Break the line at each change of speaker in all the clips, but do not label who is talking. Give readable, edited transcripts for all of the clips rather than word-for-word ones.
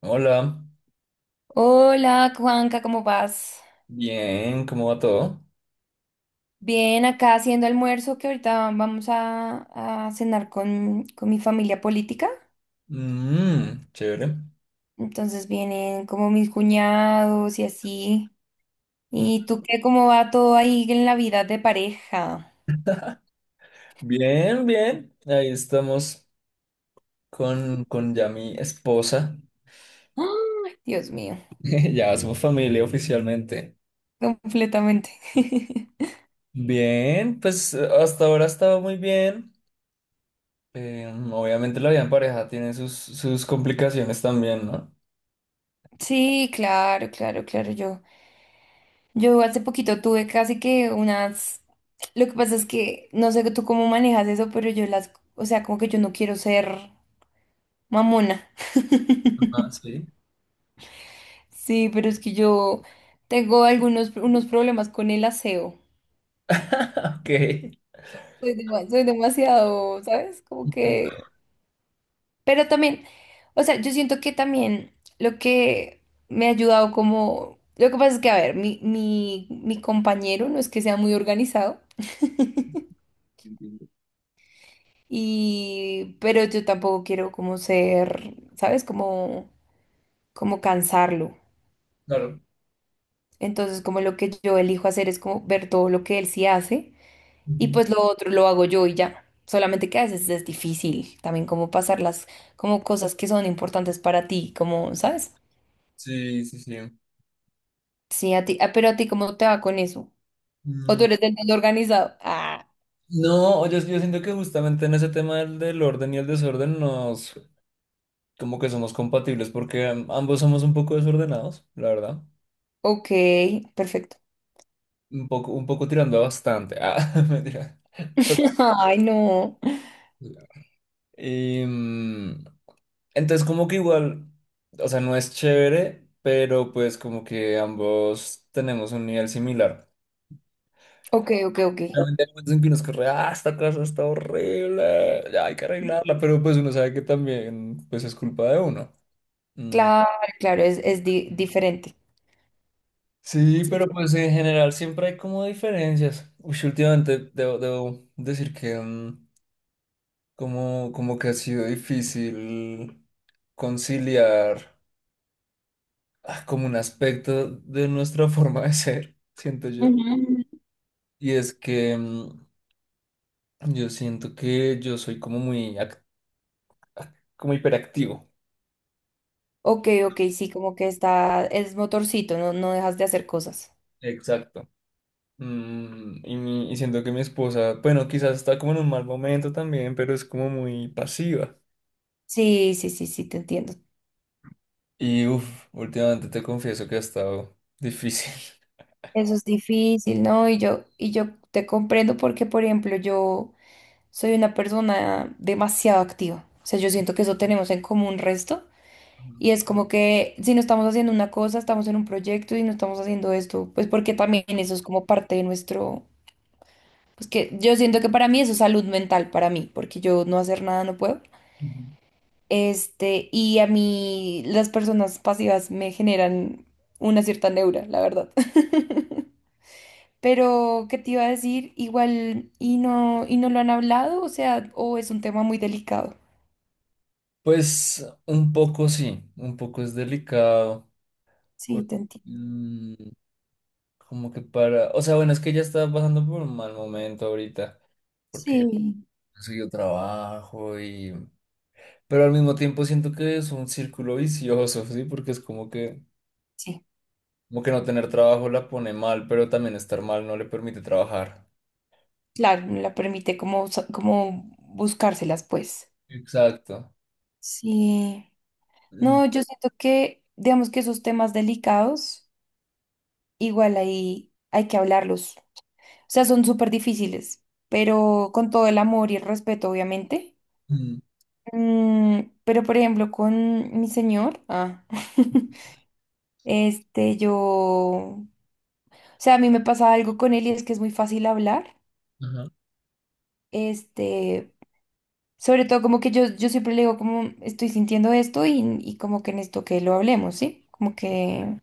Hola,
Hola, Juanca, ¿cómo vas?
bien, ¿cómo va todo?
Bien, acá haciendo almuerzo que ahorita vamos a cenar con mi familia política.
Mm, chévere.
Entonces vienen como mis cuñados y así.
Mm,
¿Y tú qué? ¿Cómo va todo ahí en la vida de pareja?
Bien, bien, ahí estamos con ya mi esposa,
¡Ah! Dios mío,
ya somos familia oficialmente.
completamente.
Bien, pues hasta ahora estaba muy bien. Obviamente la vida en pareja tiene sus, sus complicaciones también, ¿no?
Sí, claro, claro, claro. Yo hace poquito tuve casi que unas... Lo que pasa es que no sé tú cómo manejas eso, pero yo las... O sea, como que yo no quiero ser... Mamona.
Ah, sí.
Sí, pero es que yo tengo algunos unos problemas con el aseo.
Ok.
Soy, soy demasiado, ¿sabes? Como que... Pero también, o sea, yo siento que también lo que me ha ayudado como... Lo que pasa es que, a ver, mi compañero no es que sea muy organizado
Entiendo.
y... Pero yo tampoco quiero como ser, ¿sabes? Como, como cansarlo.
Claro.
Entonces, como lo que yo elijo hacer es como ver todo lo que él sí hace. Y
Ujú.
pues lo otro lo hago yo y ya. Solamente que a veces es difícil también como pasarlas como cosas que son importantes para ti, como, ¿sabes?
Sí, sí, sí.
Sí, a ti, ah, pero a ti ¿cómo te va con eso? ¿O tú eres del todo organizado? Ah,
No, oye, es que yo siento que justamente en ese tema del orden y el desorden nos, como que somos compatibles porque ambos somos un poco desordenados, la verdad.
ok, perfecto.
Un poco tirando a bastante. Ah, mentira. Pero,
Ay, no.
y, mm, entonces como que igual, o sea, no es chévere, pero pues como que ambos tenemos un nivel similar.
Ok, ok, ok.
Obviamente hay momentos en que uno es como, ah, esta cosa está horrible, ya hay que arreglarla, pero pues uno sabe que también pues es culpa de uno. Mm,
Claro, claro, es diferente.
Sí, pero pues en general siempre hay como diferencias. Uy, sí, últimamente debo decir que como, como que ha sido difícil conciliar como un aspecto de nuestra forma de ser, siento yo.
Ujú.
Y es que yo siento que yo soy como muy, como hiperactivo.
Ok, ok, sí, como que está, es motorcito, no, no dejas de hacer cosas.
Exacto. Y siento que mi esposa, bueno, quizás está como en un mal momento también, pero es como muy pasiva.
Sí, sí, sí, sí, te entiendo.
Y uff, últimamente te confieso que ha estado difícil.
Eso es difícil, ¿no? Y yo te comprendo porque, por ejemplo, yo soy una persona demasiado activa. O sea, yo siento que eso tenemos en común resto. Y es como que si no estamos haciendo una cosa, estamos en un proyecto y no estamos haciendo esto, pues porque también eso es como parte de nuestro... Pues que yo siento que para mí eso es salud mental, para mí, porque yo no hacer nada no puedo.
Ujú.
Este, y a mí las personas pasivas me generan una cierta neura, la verdad. Pero, ¿qué te iba a decir? Igual, y no lo han hablado, o sea, o es un tema muy delicado.
Pues un poco sí, un poco es delicado.
Sí,
porque,
te entiendo.
mm, Como que para. O sea, bueno, es que ella está pasando por un mal momento ahorita. Porque
Sí.
consiguió trabajo y. Pero al mismo tiempo siento que es un círculo vicioso, ¿sí? Porque es como que.
Sí,
Como que no tener trabajo la pone mal, pero también estar mal no le permite trabajar.
claro, no la permite como, como buscárselas, pues.
Exacto.
Sí.
En-
No, yo siento que, digamos que esos temas delicados, igual ahí hay que hablarlos. O sea, son súper difíciles, pero con todo el amor y el respeto, obviamente.
ujú,
Mm, pero, por ejemplo, con mi señor, ah. Este, yo, o sea, a mí me pasa algo con él y es que es muy fácil hablar.
Ajá.
Este, sobre todo como que yo siempre le digo como estoy sintiendo esto y como que necesito que lo hablemos, ¿sí? Como que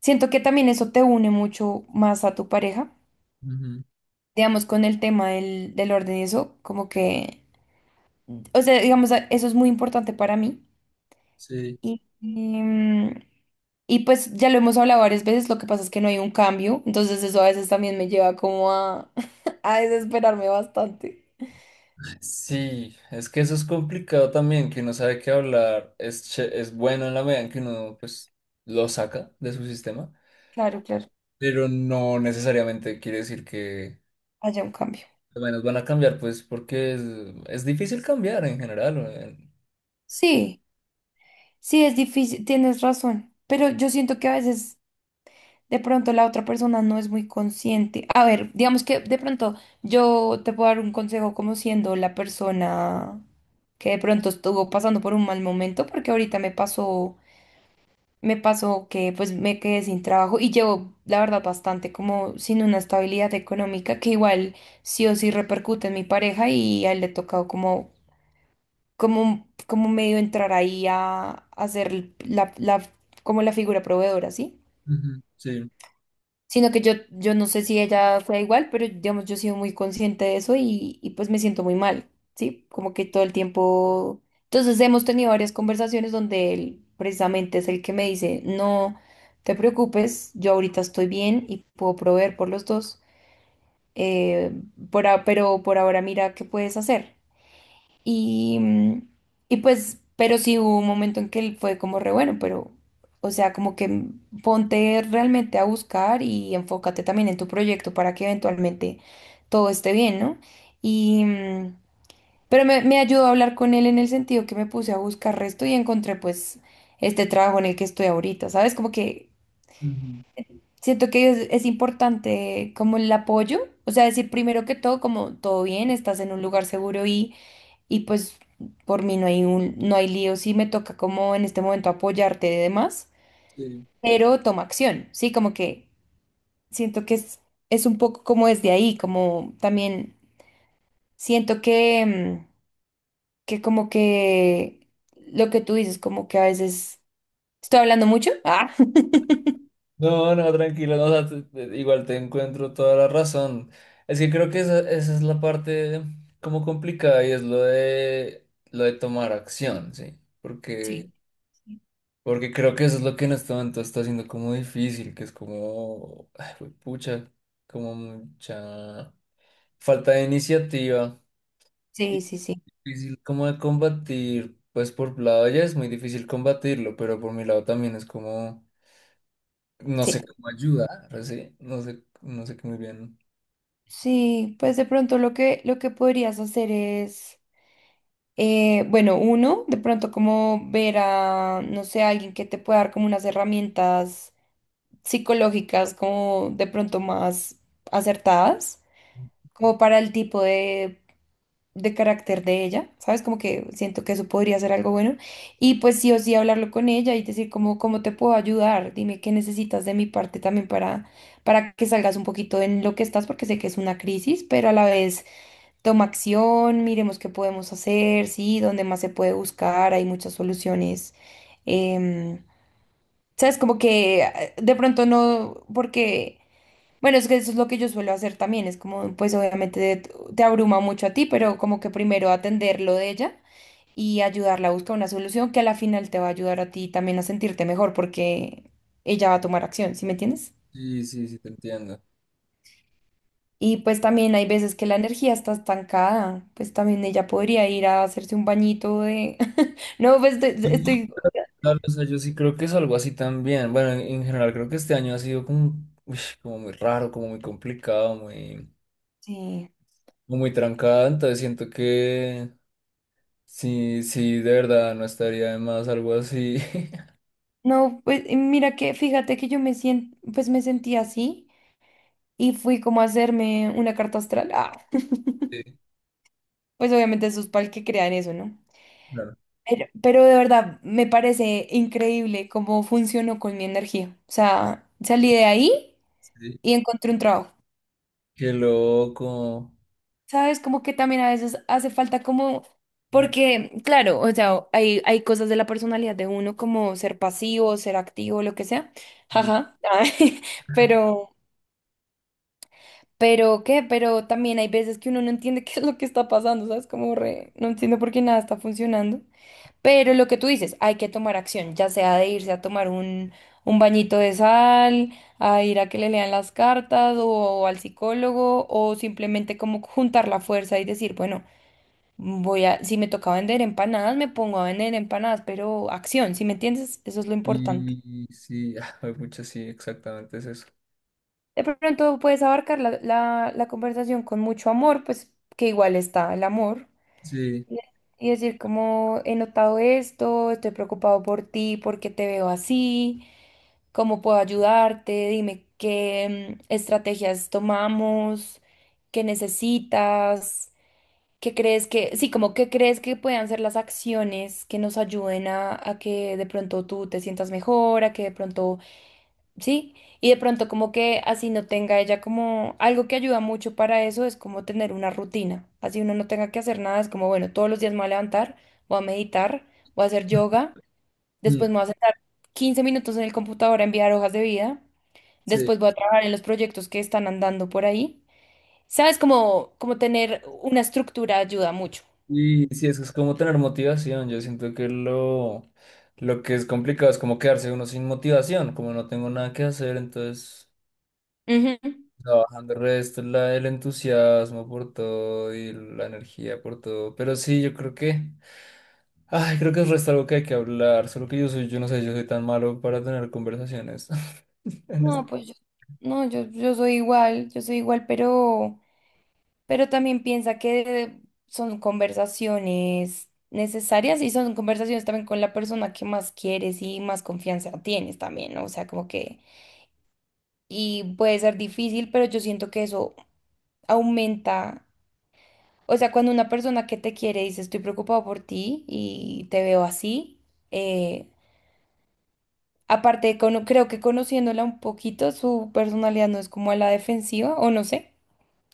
siento que también eso te une mucho más a tu pareja.
ujú,
Digamos, con el tema del orden y eso, como que, o sea, digamos, eso es muy importante para mí.
Sí.
Y, em, y pues ya lo hemos hablado varias veces, lo que pasa es que no hay un cambio, entonces eso a veces también me lleva como a, a desesperarme bastante.
Sí, es que eso es complicado también, que uno sabe que hablar es, es bueno en la medida en que uno pues lo saca de su sistema,
Claro, claro,
pero no necesariamente quiere decir que
haya un cambio.
al menos van a cambiar, pues porque es difícil cambiar en general.
Sí, sí, es difícil, tienes razón, pero yo siento que a veces de pronto la otra persona no es muy consciente. A ver, digamos que de pronto yo te puedo dar un consejo como siendo la persona que de pronto estuvo pasando por un mal momento, porque ahorita me pasó. Me pasó que pues me quedé sin trabajo y llevo, la verdad, bastante como sin una estabilidad económica que igual sí o sí repercute en mi pareja y a él le ha tocado como, como medio entrar ahí a, hacer ser como la figura proveedora, ¿sí?
Ujú, Sí.
Sino que yo no sé si ella fue igual, pero digamos, yo he sido muy consciente de eso y pues me siento muy mal, ¿sí? Como que todo el tiempo... Entonces hemos tenido varias conversaciones donde él precisamente es el que me dice, no te preocupes, yo ahorita estoy bien y puedo proveer por los dos, eh, por pero por ahora mira qué puedes hacer. Y, mm, y pues, pero sí hubo un momento en que él fue como re bueno, pero, o sea, como que mm, ponte realmente a buscar y enfócate también en tu proyecto para que eventualmente todo esté bien, ¿no? Y, mm, pero me ayudó a hablar con él en el sentido que me puse a buscar resto y encontré pues este trabajo en el que estoy ahorita, ¿sabes? Como que
Ujú,
siento que es importante como el apoyo, o sea, decir primero que todo, como todo bien, estás en un lugar seguro y pues por mí no hay un, no hay lío si me toca como en este momento apoyarte de demás,
sí.
pero toma acción, ¿sí? Como que siento que es un poco como desde ahí, como también siento que, mm, que como que lo que tú dices, como que a veces estoy hablando mucho. Ah,
No, no, tranquilo, no, o sea, igual te encuentro toda la razón. Es que creo que esa es la parte como complicada y es lo de tomar acción, sí, porque
sí,
Porque creo que eso es lo que en este momento está haciendo como difícil, que es como, ay, güey, pucha, como mucha falta de iniciativa.
sí,
Y
sí, sí,
difícil como de combatir, pues por tu lado ya es muy difícil combatirlo, pero por mi lado también es como, no sé
sí.
cómo ayudar, ¿sí? No sé, no sé qué muy bien.
Sí, pues de pronto lo que podrías hacer es... bueno, uno, de pronto como ver a, no sé, a alguien que te pueda dar como unas herramientas psicológicas como de pronto más acertadas, como para el tipo de carácter de ella, ¿sabes? Como que siento que eso podría ser algo bueno. Y pues sí o sí hablarlo con ella y decir como, ¿cómo te puedo ayudar? Dime qué necesitas de mi parte también para que salgas un poquito en lo que estás, porque sé que es una crisis, pero a la vez. Toma acción, miremos qué podemos hacer, sí, dónde más se puede buscar, hay muchas soluciones. Em, sabes, como que de pronto no, porque, bueno, es que eso es lo que yo suelo hacer también, es como, pues obviamente te abruma mucho a ti, pero como que primero atender lo de ella y ayudarla a buscar una solución que a la final te va a ayudar a ti también a sentirte mejor porque ella va a tomar acción, ¿sí me entiendes?
Sí, sí, sí, te entiendo.
Y pues también hay veces que la energía está estancada, pues también ella podría ir a hacerse un bañito de... No, pues estoy...
Claro, o sea, yo sí creo que es algo así también. Bueno, en general creo que este año ha sido como, uy, como muy raro, como muy complicado, muy...
Sí.
o muy trancada, entonces siento que sí, sí, de verdad no estaría de más algo así.
No, pues y mira que, fíjate que yo me siento, pues me sentí así y fui como a hacerme una carta astral. Ah,
Sí,
pues obviamente eso es para el que crea en eso, ¿no?
claro,
Pero de verdad, me parece increíble cómo funcionó con mi energía. O sea, salí de ahí
sí.
y encontré un trabajo.
Qué loco.
¿Sabes? Como que también a veces hace falta como, porque, claro, o sea, hay cosas de la personalidad de uno como ser pasivo, ser activo, lo que sea,
Y,
jaja, ay, pero, pero, ¿qué? Pero también hay veces que uno no entiende qué es lo que está pasando, ¿sabes? Como re, no entiendo por qué nada está funcionando, pero lo que tú dices, hay que tomar acción, ya sea de irse a tomar un bañito de sal, a ir a que le lean las cartas o al psicólogo o simplemente como juntar la fuerza y decir, bueno. Voy a, si me toca vender empanadas, me pongo a vender empanadas, pero acción, si me entiendes, eso es lo importante.
y sí, mucho sí, exactamente es eso.
De pronto puedes abarcar la conversación con mucho amor, pues que igual está el amor.
Sí.
Y y decir como he notado esto, estoy preocupado por ti, porque te veo así, cómo puedo ayudarte, dime qué mm, estrategias tomamos, qué necesitas. ¿Qué crees que, sí, como que crees que puedan ser las acciones que nos ayuden a que de pronto tú te sientas mejor, a que de pronto, sí, y de pronto como que así no tenga ella como algo que ayuda mucho para eso es como tener una rutina, así uno no tenga que hacer nada, es como, bueno, todos los días me voy a levantar, voy a meditar, voy a hacer yoga,
Mm,
después me voy a sentar 15 minutos en el computador a enviar hojas de vida,
Sí,
después voy a trabajar en los proyectos que están andando por ahí, ¿sabes? Como, como tener una estructura ayuda mucho.
y sí, es que es como tener motivación. Yo siento que lo que es complicado es como quedarse uno sin motivación, como no tengo nada que hacer, entonces
Ujú.
no, bajando el resto, la, el entusiasmo por todo y la energía por todo. Pero sí, yo creo que, ay, creo que el resto algo que hay que hablar. Solo que yo soy, yo no sé, yo soy tan malo para tener conversaciones. En esto.
No, pues yo, no, yo soy igual, yo soy igual, pero también piensa que son conversaciones necesarias y son conversaciones también con la persona que más quieres y más confianza tienes también, ¿no? O sea, como que, y puede ser difícil, pero yo siento que eso aumenta, o sea, cuando una persona que te quiere dice estoy preocupado por ti y te veo así, eh, aparte, creo que conociéndola un poquito, su personalidad no es como a la defensiva, o no sé.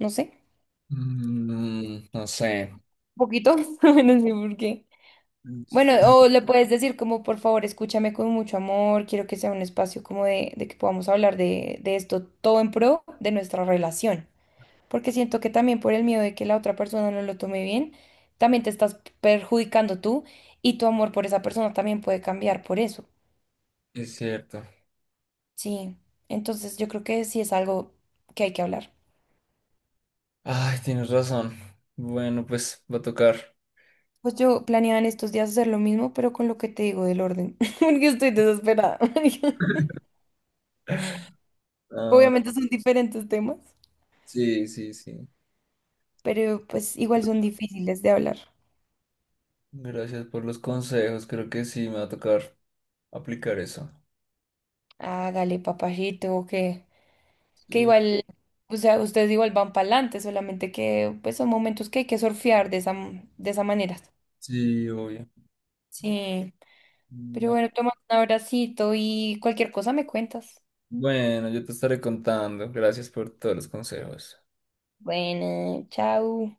No sé,
No sé,
un poquito, no sé por qué. Bueno, o le puedes decir como, por favor, escúchame con mucho amor, quiero que sea un espacio como de que podamos hablar de esto, todo en pro de nuestra relación. Porque siento que también por el miedo de que la otra persona no lo tome bien, también te estás perjudicando tú y tu amor por esa persona también puede cambiar por eso.
es cierto.
Sí, entonces yo creo que sí es algo que hay que hablar.
Ay, tienes razón. Bueno, pues va a tocar.
Pues yo planeaba en estos días hacer lo mismo, pero con lo que te digo del orden, porque estoy desesperada.
Ah,
Obviamente son diferentes temas,
sí, sí, sí.
pero pues igual son difíciles de hablar.
Gracias por los consejos. Creo que sí, me va a tocar aplicar eso.
Hágale, papajito, que
Sí.
igual, o sea, ustedes igual van para adelante, solamente que pues son momentos que hay que surfear de esa, de esa manera.
Sí, obvio.
Sí, pero bueno, toma un abracito y cualquier cosa me cuentas.
Bueno, yo te estaré contando. Gracias por todos los consejos.
Bueno, chao.